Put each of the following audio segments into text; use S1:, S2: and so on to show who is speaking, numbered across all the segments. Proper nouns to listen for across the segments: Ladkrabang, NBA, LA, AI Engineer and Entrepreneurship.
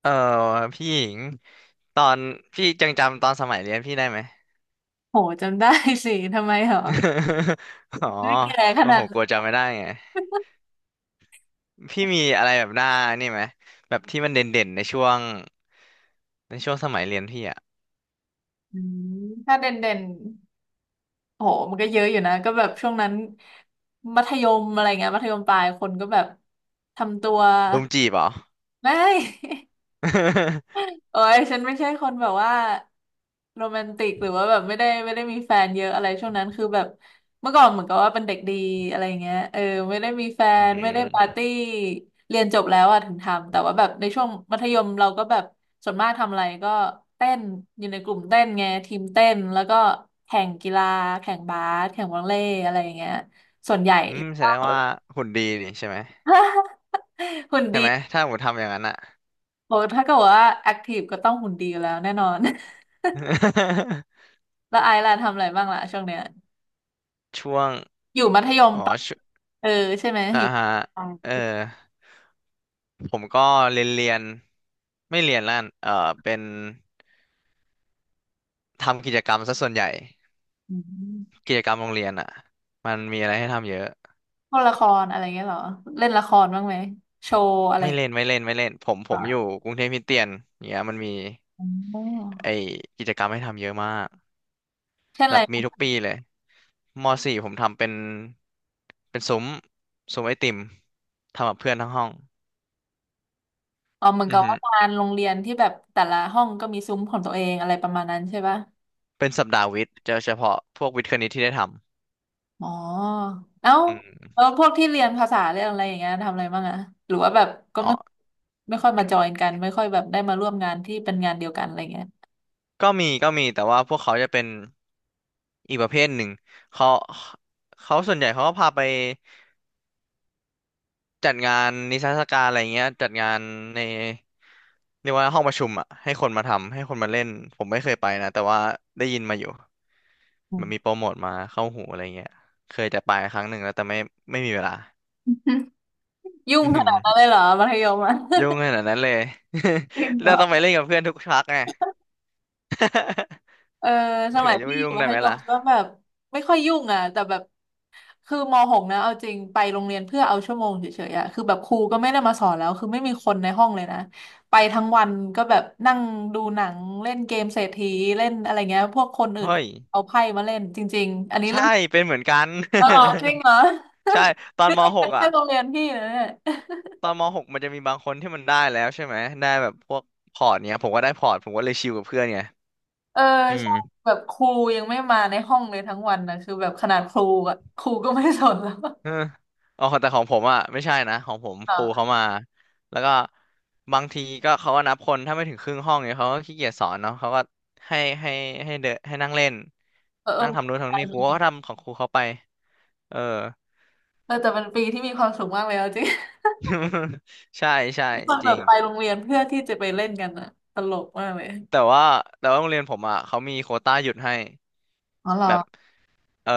S1: เออพี่หญิงตอนพี่ยังจำตอนสมัยเรียนพี่ได้ไหม
S2: โหจำได้สิทำไมเหรอ
S1: อ๋อ
S2: ไม่แก่ข
S1: โอ้
S2: นา
S1: โห
S2: ด
S1: ก
S2: นั้
S1: ลั
S2: น
S1: วจำไม่ได้ไงพี่มีอะไรแบบหน้านี่ไหมแบบที่มันเด่นๆในช่วงในช่วงสมัยเรียนพี่อะ
S2: อืมถ้าเด่นโหมันก็เยอะอยู่นะก็แบบช่วงนั้นมัธยมอะไรเงี้ยมัธยมปลายคนก็แบบทำตัว
S1: ดมจีบเหรอ
S2: ไม่ เอ้ยฉันไม่ใช่คนแบบว่าโรแมนติกหรือว่าแบบไม่ได้มีแฟนเยอะอะไรช่วงนั้นคือแบบเมื่อก่อนเหมือนกับว่าเป็นเด็กดีอะไรเงี้ยเออไม่ได้มีแฟ
S1: อื
S2: นอืไม่ได้มปาร์
S1: ม
S2: ตี้เรียนจบแล้วอะถึงทำแต่ว่าแบบในช่วงมัธยมเราก็แบบส่วนมากทำอะไรก็เต้นอยู่ในกลุ่มเต้นไงทีมเต้นแล้วก็แข่งกีฬาแข่งบาสแข่งวอลเลย์อะไรอย่างเงี้ยส่วนใหญ่
S1: อืมแสดงว่าหุ่นดีนี่ใช่ไหม ใช่ไหมถ้าผมทำอย่างนั้นอะ
S2: โอ้ถ้าเกิดว่าแอคทีฟก็ต้องหุ่นดีอยู่แล้วแน่นอนแล้วไอซ์ล่ะทำอะไรบ้างล่ะช่วงเนี้ย
S1: ช่วง
S2: อยู่มัธยม
S1: อ๋อ
S2: ปะ
S1: ช่วง
S2: เออใช่ไหม
S1: อ่า
S2: อยู่
S1: ฮะ
S2: ปลา
S1: เออ
S2: ย
S1: ผมก็เรียนเรียนไม่เรียนแล้วกันเออเป็นทำกิจกรรมซะส่วนใหญ่
S2: อืม
S1: กิจกรรมโรงเรียนอ่ะมันมีอะไรให้ทำเยอะ
S2: พวกละครอะไรเงี้ยเหรอเล่นละครบ้างไหมโชว์อะไร
S1: ไม่
S2: อย่าง
S1: เล่
S2: เงี้
S1: นไม่
S2: ย
S1: เล่นไม่เล่นผมผ
S2: เหร
S1: มอยู่
S2: อ
S1: กรุงเทพคริสเตียนเนี่ยมันมี
S2: อ๋
S1: ไอ
S2: อ
S1: กิจกรรมให้ทำเยอะมาก
S2: เช่นอะ
S1: แบบมี
S2: ไร
S1: ทุกปีเลยมสี่ผมทำเป็นเป็นซุ้มซุ้มไอติมทำกับเพื่อนทั้งห้อง
S2: อ๋อเหมือน
S1: อื
S2: กั
S1: อ
S2: บ
S1: ฮึ
S2: ว่างานโรงเรียนที่แบบแต่ละห้องก็มีซุ้มของตัวเองอะไรประมาณนั้นใช่ปะ
S1: เป็นสัปดาห์วิทย์จะเฉพาะพวกวิทย์คณิตที่ได้ท
S2: อ๋อเอ้า
S1: ำอืม
S2: แล้วพวกที่เรียนภาษาเรียนอะไรอย่างเงี้ยทำอะไรบ้างอะหรือว่าแบบก็
S1: อ๋อ
S2: ไม่ไม่ค่อยมาจอยกันไม่ค่อยแบบได้มาร่วมงานที่เป็นงานเดียวกันอะไรเงี้ย
S1: ก็มีก็มีแต่ว่าพวกเขาจะเป็นอีกประเภทหนึ่งเขาเขาส่วนใหญ่เขาก็พาไป จัดงานนิทรรศการอะไรเงี้ยจัดงานในเรียกว่าห้องประชุมอ่ะให้คนมาทำให้คนมาเล่นผมไม่เคยไปนะแต่ว่าได้ยินมาอยู่
S2: อื
S1: มันมี
S2: ม
S1: โปรโมทมาเข้าหูอะไรเงี้ยเคยจะไปครั้งหนึ่งแล้วแต่ไม่ไม่มีเวลา
S2: ยุ่ ง
S1: อือ
S2: ข
S1: หือ
S2: นาดนั้นเลยเหรอมัธยมอะ
S1: ยุ่งขนาดนั้นเลย
S2: จริง เหร
S1: เรา
S2: อ
S1: ต้องไปเล่นกับเพื่อนทุกชักไง
S2: เออส
S1: ถึง
S2: มัย
S1: ว่าจะ
S2: พี่
S1: ไม่
S2: อยู่
S1: ยุ่ง
S2: มั
S1: ได้
S2: ธ
S1: ไหม
S2: ยมก็
S1: ล่ะ
S2: แบบไม่ค่อยยุ่งอ่ะแต่แบบคือมหกนะเอาจริงไปโรงเรียนเพื่อเอาชั่วโมงเฉยๆอ่ะคือแบบครูก็ไม่ได้มาสอนแล้วคือไม่มีคนในห้องเลยนะไปทั้งวันก็แบบนั่งดูหนังเล่นเกมเศรษฐีเล่นอะไรเงี้ยพวกคนอื่น
S1: เฮ้ย
S2: เอาไพ่มาเล่นจริงๆอันนี้
S1: ใช่
S2: เล่น
S1: เป็นเหมือนกัน
S2: ออจริงเหรอ
S1: ใช่ตอน
S2: นี่
S1: ม
S2: ก็เป็
S1: .6
S2: น
S1: อ่ะ
S2: แค่โรงเรียนพี่นะเนี่ย
S1: ตอนม .6 มันจะมีบางคนที่มันได้แล้วใช่ไหมได้แบบพวกพอร์ตเนี้ยผมก็ได้พอร์ตผมก็เลยชิลกับเพื่อนไง
S2: เออ
S1: อื
S2: ใช่
S1: ม
S2: แบบครูยังไม่มาในห้องเลยทั้งวันนะคือแบบขนาดครูอะครูก็ไม่สนแล้ว
S1: เอออ๋อแต่ของผมอ่ะไม่ใช่นะของผม
S2: อ่
S1: ครู
S2: า
S1: เขามาแล้วก็บางทีก็เขาก็นับคนถ้าไม่ถึงครึ่งห้องเนี่ยเขาก็ขี้เกียจสอนเนาะเขาก็ให้ให้ให้เดนให้นั่งเล่น
S2: เออ
S1: นั่งทำนู้น
S2: เอ
S1: ทำนี่ค
S2: อ
S1: รูก็ทำของครูเขาไปเออ
S2: เออแต่เป็นปีที่มีความสุขมากเลยเอาจริง
S1: ใช่ใช่
S2: ตอน
S1: จ
S2: แบ
S1: ริ
S2: บ
S1: ง
S2: ไปโรงเรียนเพื่อที่จะไปเล่นกันอะตลกมากเลย
S1: แต่ว่าแต่ว่าโรงเรียนผมอ่ะเขามีโควต้าหยุดให้
S2: อ๋อเหรอ
S1: แบบ เอ่อ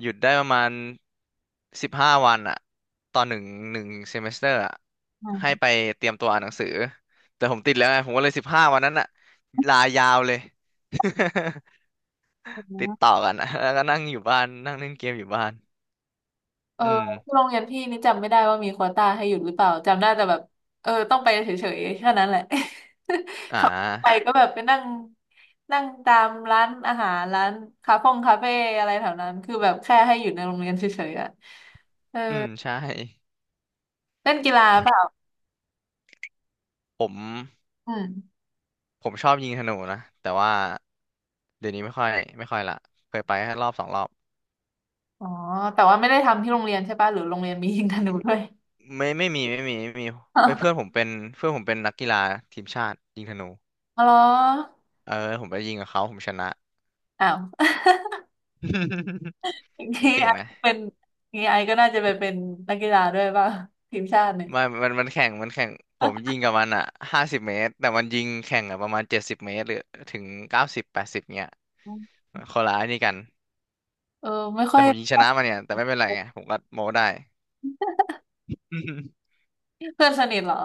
S1: หยุดได้ประมาณสิบห้าวันอะตอนหนึ่งหนึ่งเซมิสเตอร์อะ
S2: อื
S1: ให้
S2: ม
S1: ไปเตรียมตัวอ่านหนังสือแต่ผมติดแล้วไงผมก็เลยสิบห้าวันนั้นอะลายาวเลย ติดต่อกันอะแล้วก็นั่งอยู่บ้านนั่งเล่นเกมอยู่บ้าน
S2: เออ
S1: อืม
S2: ที่โรงเรียนพี่นี่จำไม่ได้ว่ามีโควต้าให้หยุดหรือเปล่าจำได้แต่แบบเออต้องไปเฉยๆแค่นั้นแหละ
S1: อ่
S2: ขับไป
S1: า
S2: ก็แบบไปนั่งนั่งตามร้านอาหารร้านคาเฟ่อะไรแถวนั้นคือแบบแค่ให้อยู่ในโรงเรียนเฉยๆอะเออ
S1: อืมใช่
S2: เล่นกีฬาเปล่า
S1: ผม
S2: อืม
S1: ผมชอบยิงธนูนะแต่ว่าเดี๋ยวนี้ไม่ค่อยไม่ค่อยละเคยไปแค่รอบสองรอบ
S2: อ๋อ แต่ว่าไม่ได้ทำที่โรงเรียนใช่ป่ะหรือโรงเรียนมี ยิงธนูด้วย
S1: ไม่ไม่มีไม่มีไม่มีเอ้ย เพื่อนผมเป็นเพื่อนผมเป็นนักกีฬาทีมชาติยิงธนู
S2: อ๋อ
S1: เออผมไปยิงกับเขาผมชนะ
S2: อ้าว อย่าง
S1: ผม
S2: นี้
S1: เก่
S2: ไอ
S1: งไหม
S2: เป็นอย่างนี้ไอก็น่าจะไปเป็นนักกีฬาด้วยป่ะทีมชาติเนี่ย
S1: มันมันมันแข่งมันแข่งผมยิงกับมันอ่ะ50 เมตรแต่มันยิงแข่งอ่ะประมาณ70 เมตรหรือถึง9080เนี้ยคนละไอ้นี่กัน
S2: เออไม่ค่
S1: แต่
S2: อย
S1: ผมยิงชนะมันเนี่ยแต่ไม่เป็นไรไงผมก็โม้ได้
S2: เพื่อนสนิทเหรอ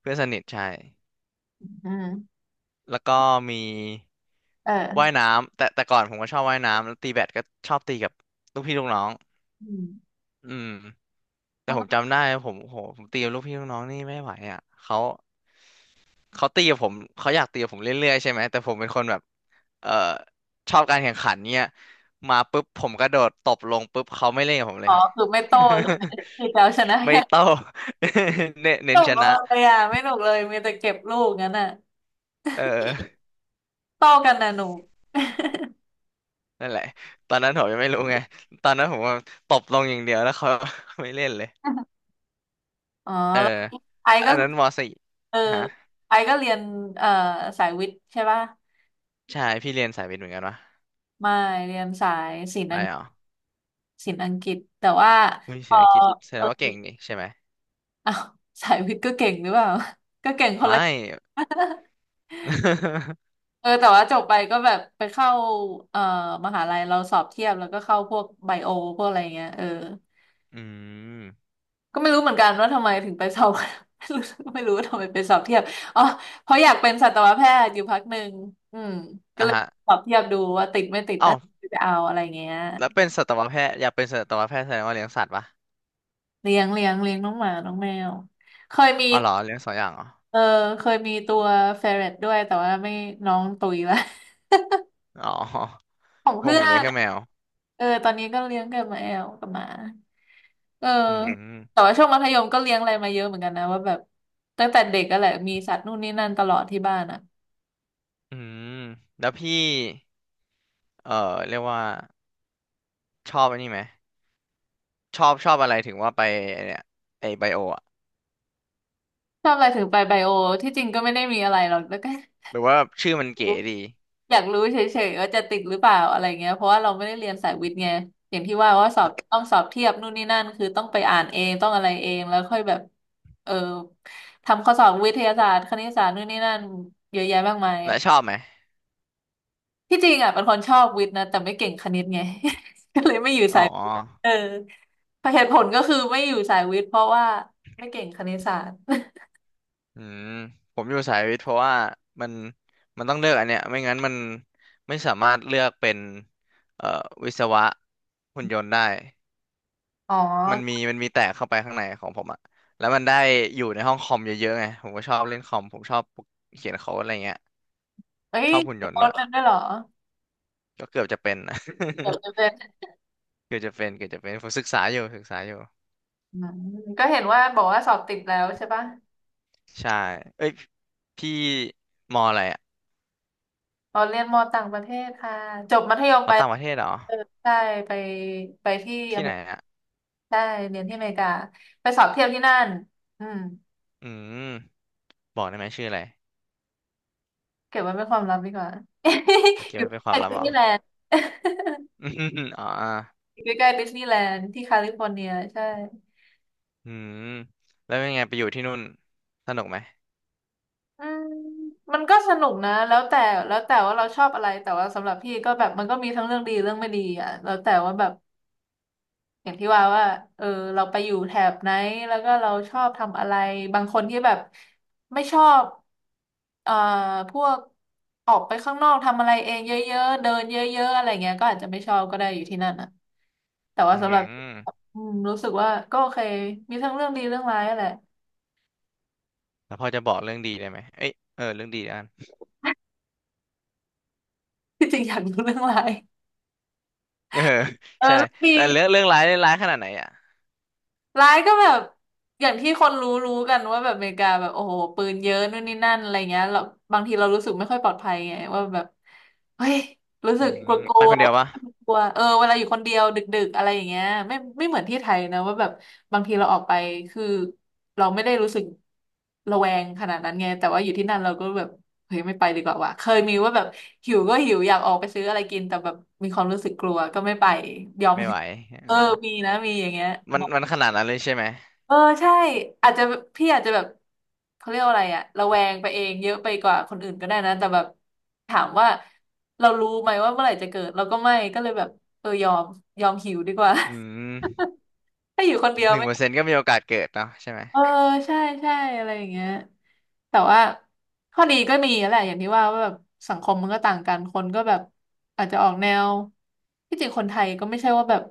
S1: เพื่อนสนิทใช่
S2: อืม
S1: แล้วก็มี
S2: เอ
S1: ว่าย
S2: อ
S1: น้ำแต่แต่ก่อนผมก็ชอบว่ายน้ำแล้วตีแบดก็ชอบตีกับลูกพี่ลูกน้อง
S2: อืม
S1: อืมแต่
S2: มัน
S1: ผม
S2: ก็
S1: จำได้ผมโหผมตีกับลูกพี่ลูกน้องนี่ไม่ไหวอ่ะเขา เขาตีกับผมเขาอยากตีกับผมเรื่อยๆใช่ไหมแต่ผมเป็นคนแบบเอ่อชอบการแข่งขันเนี่ยมาปุ๊บผมกระโดดตบลงปุ๊บเขาไม่เล่นกับผมเล
S2: อ๋อ
S1: ย
S2: คือไม่โต้ใช่ไหมคือจะเอาชนะ อ
S1: ไม่
S2: ย่าง
S1: โต้ เน้นเน้น
S2: เดียว
S1: ช
S2: ไม่ห
S1: นะ
S2: นุกเลยอ่ะไม่หนุกเลยมีแต่เก็บลูกงั้นอ่ะ
S1: เออ
S2: โต้กันนะหนู
S1: นั่นแหละตอนนั้นผมยังไม่รู้ไง ตอนนั้นผมว่าตบลงอย่างเดียวแล้วเขา ไม่เล่นเลย
S2: อ๋อ
S1: เออ
S2: แล้วไอก็
S1: อันนั้นมสี่
S2: เออ
S1: ฮะ
S2: ไอก็เรียนเอ่อสายวิทย์ใช่ป่ะ
S1: ใช่พี่เรียนสายวิทย์เหมือนกันวะ
S2: ไม่เรียนสายศิล
S1: ไม่
S2: ป์
S1: เหรอ
S2: ศิลป์อังกฤษแต่ว่า
S1: อุ้ย
S2: พ
S1: เศร
S2: อ
S1: ษฐกิจแสด
S2: เออ
S1: งว่าเก่งนี่ใช่ไหม
S2: อ้าวสายวิทย์ก็เก่งหรือเปล่า ก็เก่งคน
S1: ไม่
S2: ละ เออแต่ว่าจบไปก็แบบไปเข้าเอ่อมหาลัยเราสอบเทียบแล้วก็เข้าพวกไบโอพวกอะไรเงี้ยเออ
S1: อืม
S2: ก็ไม่รู้เหมือนกันว่าทำไมถึงไปสอบ ไม่รู้ว่าทำไมไปสอบเทียบอ๋อเพราะอยากเป็นสัตวแพทย์อยู่พักหนึ่งอืมก็
S1: อ่ะ
S2: เลย
S1: ฮะ
S2: สอบเทียบดูว่าติดไม่ติด
S1: เอ้า
S2: น่าจะเอาอะไรเงี้ย
S1: แล้วเป็นสัตวแพทย์อยากเป็นสัตวแพทย์แสดงว่าเลี้ยงสัตว์ปะ
S2: เลี้ยงน้องหมาน้องแมวเคยมี
S1: อ๋อเหรอเลี้ยงสองอย่างเหรอ
S2: เออเคยมีตัวเฟรตด้วยแต่ว่าไม่น้องตุยละ
S1: อ๋อ
S2: ของ
S1: พวก
S2: เพื่
S1: ผ
S2: อ
S1: มเลี้ย
S2: น
S1: งแค่แมว
S2: เออตอนนี้ก็เลี้ยงกับมาแอลกับหมาเออ
S1: อื
S2: แต่
S1: ม
S2: ว่าช่วงมัธยมก็เลี้ยงอะไรมาเยอะเหมือนกันนะว่าแบบตั้งแต่เด็กก็แหละมีสัตว์นู่นนี่นั่นตลอดที่บ้านอ่ะ
S1: อืมแล้วพี่เอ่อเรียกว่าชอบอันนี้ไหมชอบชอบอะไรถึงว่าไปไอ้เนี่ยไอไบโออะ
S2: ชอบอะไรถึงไปไบโอที่จริงก็ไม่ได้มีอะไรหรอกแล้วก็
S1: หรือว่าชื่อมันเก๋ดี
S2: อยากรู้เฉยๆว่าจะติดหรือเปล่าอะไรเงี้ยเพราะว่าเราไม่ได้เรียนสายวิทย์ไงอย่างที่ว่าว่าสอบต้องสอบเทียบนู่นนี่นั่นคือต้องไปอ่านเองต้องอะไรเองแล้วค่อยแบบเออทำข้อสอบวิทยาศาสตร์คณิตศาสตร์นู่นนี่นั่นเยอะแยะมากมาย
S1: และ
S2: อ่ะ
S1: ชอบไหม
S2: ที่จริงอ่ะเป็นคนชอบวิทย์นะแต่ไม่เก่งคณิตไง ก็เลยไม่อยู่
S1: อ๋
S2: สายวิทย์
S1: อ
S2: เออเหตุผลก็คือไม่อยู่สายวิทย์เพราะว่าไม่เก่งคณิตศาสตร์
S1: อืมผมอยู่สายวิทย์เพราะว่ามันมันต้องเลือกอันเนี้ยไม่งั้นมันไม่สามารถเลือกเป็นเอ่อวิศวะหุ่นยนต์ได้
S2: อ๋อ
S1: มันมีมันมีแตกเข้าไปข้างในของผมอะแล้วมันได้อยู่ในห้องคอมเยอะๆไงผมก็ชอบเล่นคอมผมชอบเขียนโค้ดอะไรเงี้ย
S2: เอ้
S1: ช
S2: ย
S1: อบหุ่นยนต์
S2: โค้
S1: ด้ว
S2: ด
S1: ย
S2: นันด้วยเหรอ
S1: ก็เกือบจะเป็นนะ
S2: เดี๋ยวจะเป็ น
S1: เกือบจะเป็นเกือบจะเป็นผมศึกษาอยู่ศึกษาอยู่
S2: อืมก็เห็นว่าบอกว่าสอบติดแล้วใช่ปะ
S1: ใช่เอ้ยพี่มออะไรอะ
S2: อ๋อเรียนมอต่างประเทศค่ะจบมัธยม
S1: มอ
S2: ไป
S1: ต่างประเทศเหรอ
S2: เออใช่ไปไปที่อ
S1: ที่
S2: เม
S1: ไหน
S2: ริกา
S1: อะ
S2: ใช่เรียนที่อเมริกาไปสอบเทียบที่นั่นอืม
S1: อืมบอกได้ไหมชื่ออะไร
S2: เก็บไว้เป็นความลับดีกว่า
S1: โอเค
S2: อยู่
S1: ไม่เป็นค
S2: ใก
S1: วา
S2: ล้
S1: มลับ
S2: ดิส
S1: เหรอ
S2: นีย์แลนด์
S1: อืมอม อ๋ออ่า
S2: อยู่ใกล้ๆดิสนีย์แลนด์ที่แคลิฟอร์เนียใช่
S1: อืมแล้วเป็นไงไปอยู่ที่นู่นสนุกไหม
S2: อืมมันก็สนุกนะแล้วแต่ว่าเราชอบอะไรแต่ว่าสำหรับพี่ก็แบบมันก็มีทั้งเรื่องดีเรื่องไม่ดีอ่ะแล้วแต่ว่าแบบ อย่างที่ว่าว่า เออเราไปอยู่แถบไหนแล้วก็เราชอบทำอะไรบางคนที่แบบไม่ชอบเอ่อพวกออกไปข้างนอกทำอะไรเองเยอะๆเดินเยอะๆอะไรเงี้ยก็อาจจะไม่ชอบก็ได้อยู่ที่นั่นอ่ะแต่ว่า
S1: อื
S2: สำอหรับ
S1: ม
S2: อืมรู้สึกว่าก็โอเค มีทั้งเรื่องดีเรื่องร้ายอะแหละ
S1: แล้วพอจะบอกเรื่องดีได้ไหมเอ้ยเออเรื่องดีได้
S2: ที่จริงอยากรู้เรื่องร้าย
S1: เออ
S2: เออ
S1: ใช่
S2: เรื่องดี
S1: แต่เรื่องเรื่องร้ายร้ายขนาดไหนอ่ะ
S2: ร้ายก็แบบอย่างที่คนรู้กันว่าแบบอเมริกาแบบโอ้โหปืนเยอะนู่นนี่นั่นอะไรเงี้ยเราบางทีเรารู้สึกไม่ค่อยปลอดภัยไงว่าแบบเฮ้ยรู้สึ
S1: อื
S2: กก
S1: ม
S2: ลัวกลั
S1: ไป
S2: ว
S1: คนเดียวปะ
S2: กลัวเออเวลาอยู่คนเดียวดึกๆอะไรอย่างเงี้ยไม่เหมือนที่ไทยนะว่าแบบบางทีเราออกไปคือเราไม่ได้รู้สึกระแวงขนาดนั้นไงแต่ว่าอยู่ที่นั่นเราก็แบบเฮ้ยไม่ไปดีกว่าว่ะเคยมีว่าแบบหิวก็หิวอยากออกไปซื้ออะไรกินแต่แบบมีความรู้สึกกลัวก็ไม่ไปยอม
S1: ไม่
S2: หิ
S1: ไห
S2: ว
S1: วอ
S2: เออ
S1: อ
S2: มีนะมีอย่างเงี้ย
S1: มันมันขนาดนั้นเลยใช่ไหม
S2: เออใช่อาจจะพี่อาจจะแบบเขาเรียกว่าอะไรอะระแวงไปเองเยอะไปกว่าคนอื่นก็ได้นะแต่แบบถามว่าเรารู้ไหมว่าเมื่อไหร่จะเกิดเราก็ไม่ก็เลยแบบเออยอมยอมหิวดีกว่า
S1: อืม
S2: ถ้าอยู่คนเดียว
S1: หนึ่ง
S2: ไม่
S1: เปอร์เซ็นต์ก็มีโอกาสเกิดเนาะใช่ไหม
S2: เออใช่ใช่อะไรอย่างเงี้ยแต่ว่าข้อดีก็มีแหละอย่างที่ว่าว่าแบบสังคมมันก็ต่างกันคนก็แบบอาจจะออกแนวที่จริงคนไทยก็ไม่ใช่ว่าแบบ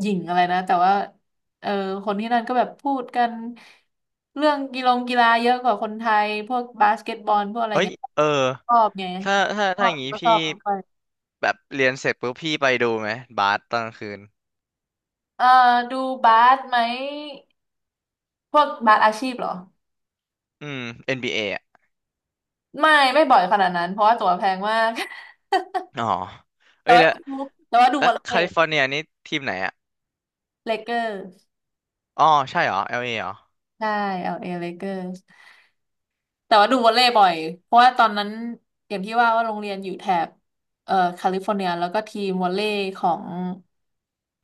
S2: หยิ่งอะไรนะแต่ว่าเออคนที่นั่นก็แบบพูดกันเรื่องกีฬงกีฬาเยอะกว่าคนไทยพวกบาสเกตบอลพวกอะไร
S1: เอ้ย
S2: เงี้ย
S1: เออ
S2: ชอบไง
S1: ถ้าถ้า
S2: ชอ
S1: ถ้าอ
S2: บ
S1: ย่างงี้
S2: ก็ชอ
S1: พี่
S2: บไป
S1: แบบเรียนเสร็จปุ๊บพี่ไปดูไหมบาสตอนกลางคืน
S2: เออดูบาสไหมพวกบาสอาชีพเหรอ
S1: อืม NBA อนบีเออ่ะ
S2: ไม่บ่อยขนาดนั้นเพราะว่าตั๋วแพงมาก
S1: อ๋อ
S2: แต่
S1: เอ้ย
S2: ว่า
S1: แล้ว
S2: ดูแต่ว่าดู
S1: แล้
S2: ว
S1: ว
S2: อล
S1: แค
S2: เล
S1: ลิ
S2: ย์
S1: ฟอร์เนียนี่ทีมไหนอ่ะ
S2: เลเกอร์
S1: อ๋อใช่เหรอ LA เอเหรอ
S2: ใช่เอลเอเลเกอร์แต่ว่าดูวอลเลย์บ่อยเพราะว่าตอนนั้นอย่างที่ว่าว่าโรงเรียนอยู่แถบแคลิฟอร์เนียแล้วก็ทีมวอลเลย์ของ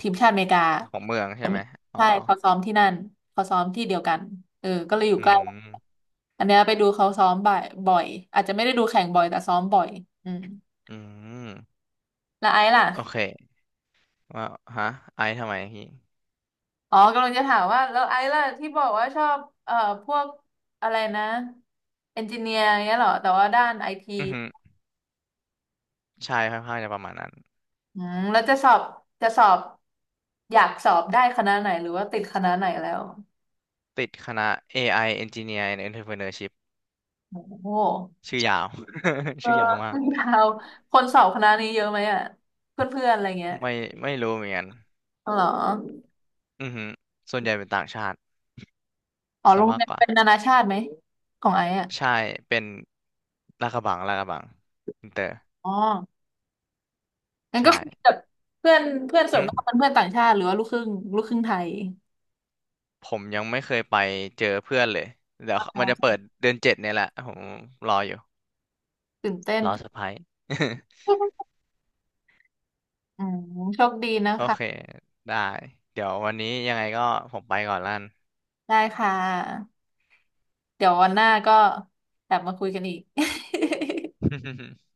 S2: ทีมชาติอเมริกา
S1: ของเมืองใช่ไหมอ๋อ
S2: ใช่เขาซ้อมที่นั่นเขาซ้อมที่เดียวกันเออก็เลยอยู่
S1: อื
S2: ใกล้
S1: ม
S2: อันเนี้ยไปดูเขาซ้อมบ่อยบ่อยอาจจะไม่ได้ดูแข่งบ่อยแต่ซ้อมบ่อยอืม
S1: อืม
S2: แล้วไอซ์ล่ะ
S1: โอเคว่าฮะไอซ์ทำไมพี่
S2: อ๋อกำลังจะถามว่าแล้วไอ้ล่ะที่บอกว่าชอบเอ่อพวกอะไรนะเอนจิเนียร์เงี้ยเหรอแต่ว่าด้านไอที
S1: อือฮึใช่ค่อนข้างจะประมาณนั้น
S2: อืมแล้วจะสอบอยากสอบได้คณะไหนหรือว่าติดคณะไหนแล้ว
S1: ติดคณะ AI Engineer and Entrepreneurship
S2: โอ้โห
S1: ชื่อยาว
S2: เอ อ
S1: ชื่อยาวมาก
S2: เาวคนสอบคณะนี้เยอะไหมอ่ะเพื่อนๆอะไรเงี้ย
S1: ไม่ไม่รู้เหมือนกัน
S2: อ๋อเหรอ
S1: อือฮึส่วนใหญ่เป็นต่างชาติ
S2: อ๋อ
S1: ซะ
S2: โรง
S1: มา
S2: เรี
S1: ก
S2: ยน
S1: กว่า
S2: เป็นนานาชาติไหมของไอ้อ่ะ
S1: ใช่เป็นลาดกระบังลาดกระบังอินเตอร์
S2: อ๋องั้นก็
S1: ใช่
S2: คุยกับเพื่อนเพื่อนส่วน
S1: อืม
S2: มากเป็นเพื่อนต่างชาติหรือว่าลูกครึ่งลูกครึ่งไทย
S1: ผมยังไม่เคยไปเจอเพื่อนเลยเดี๋ยว
S2: อ๋
S1: มั
S2: อ
S1: นจะเปิดเดือน 7เนี่ยแหละผมรออยู่
S2: ตื่นเต้น
S1: รอเซอร์ไพรส์
S2: อืมโชคดีนะ
S1: โอ
S2: คะ
S1: เคได้เดี๋ยววันนี้ยังไงก็ผมไปก่อนละกัน
S2: ได้ค่ะเดี๋ยววันหน้าก็กลับมาคุยกันอีก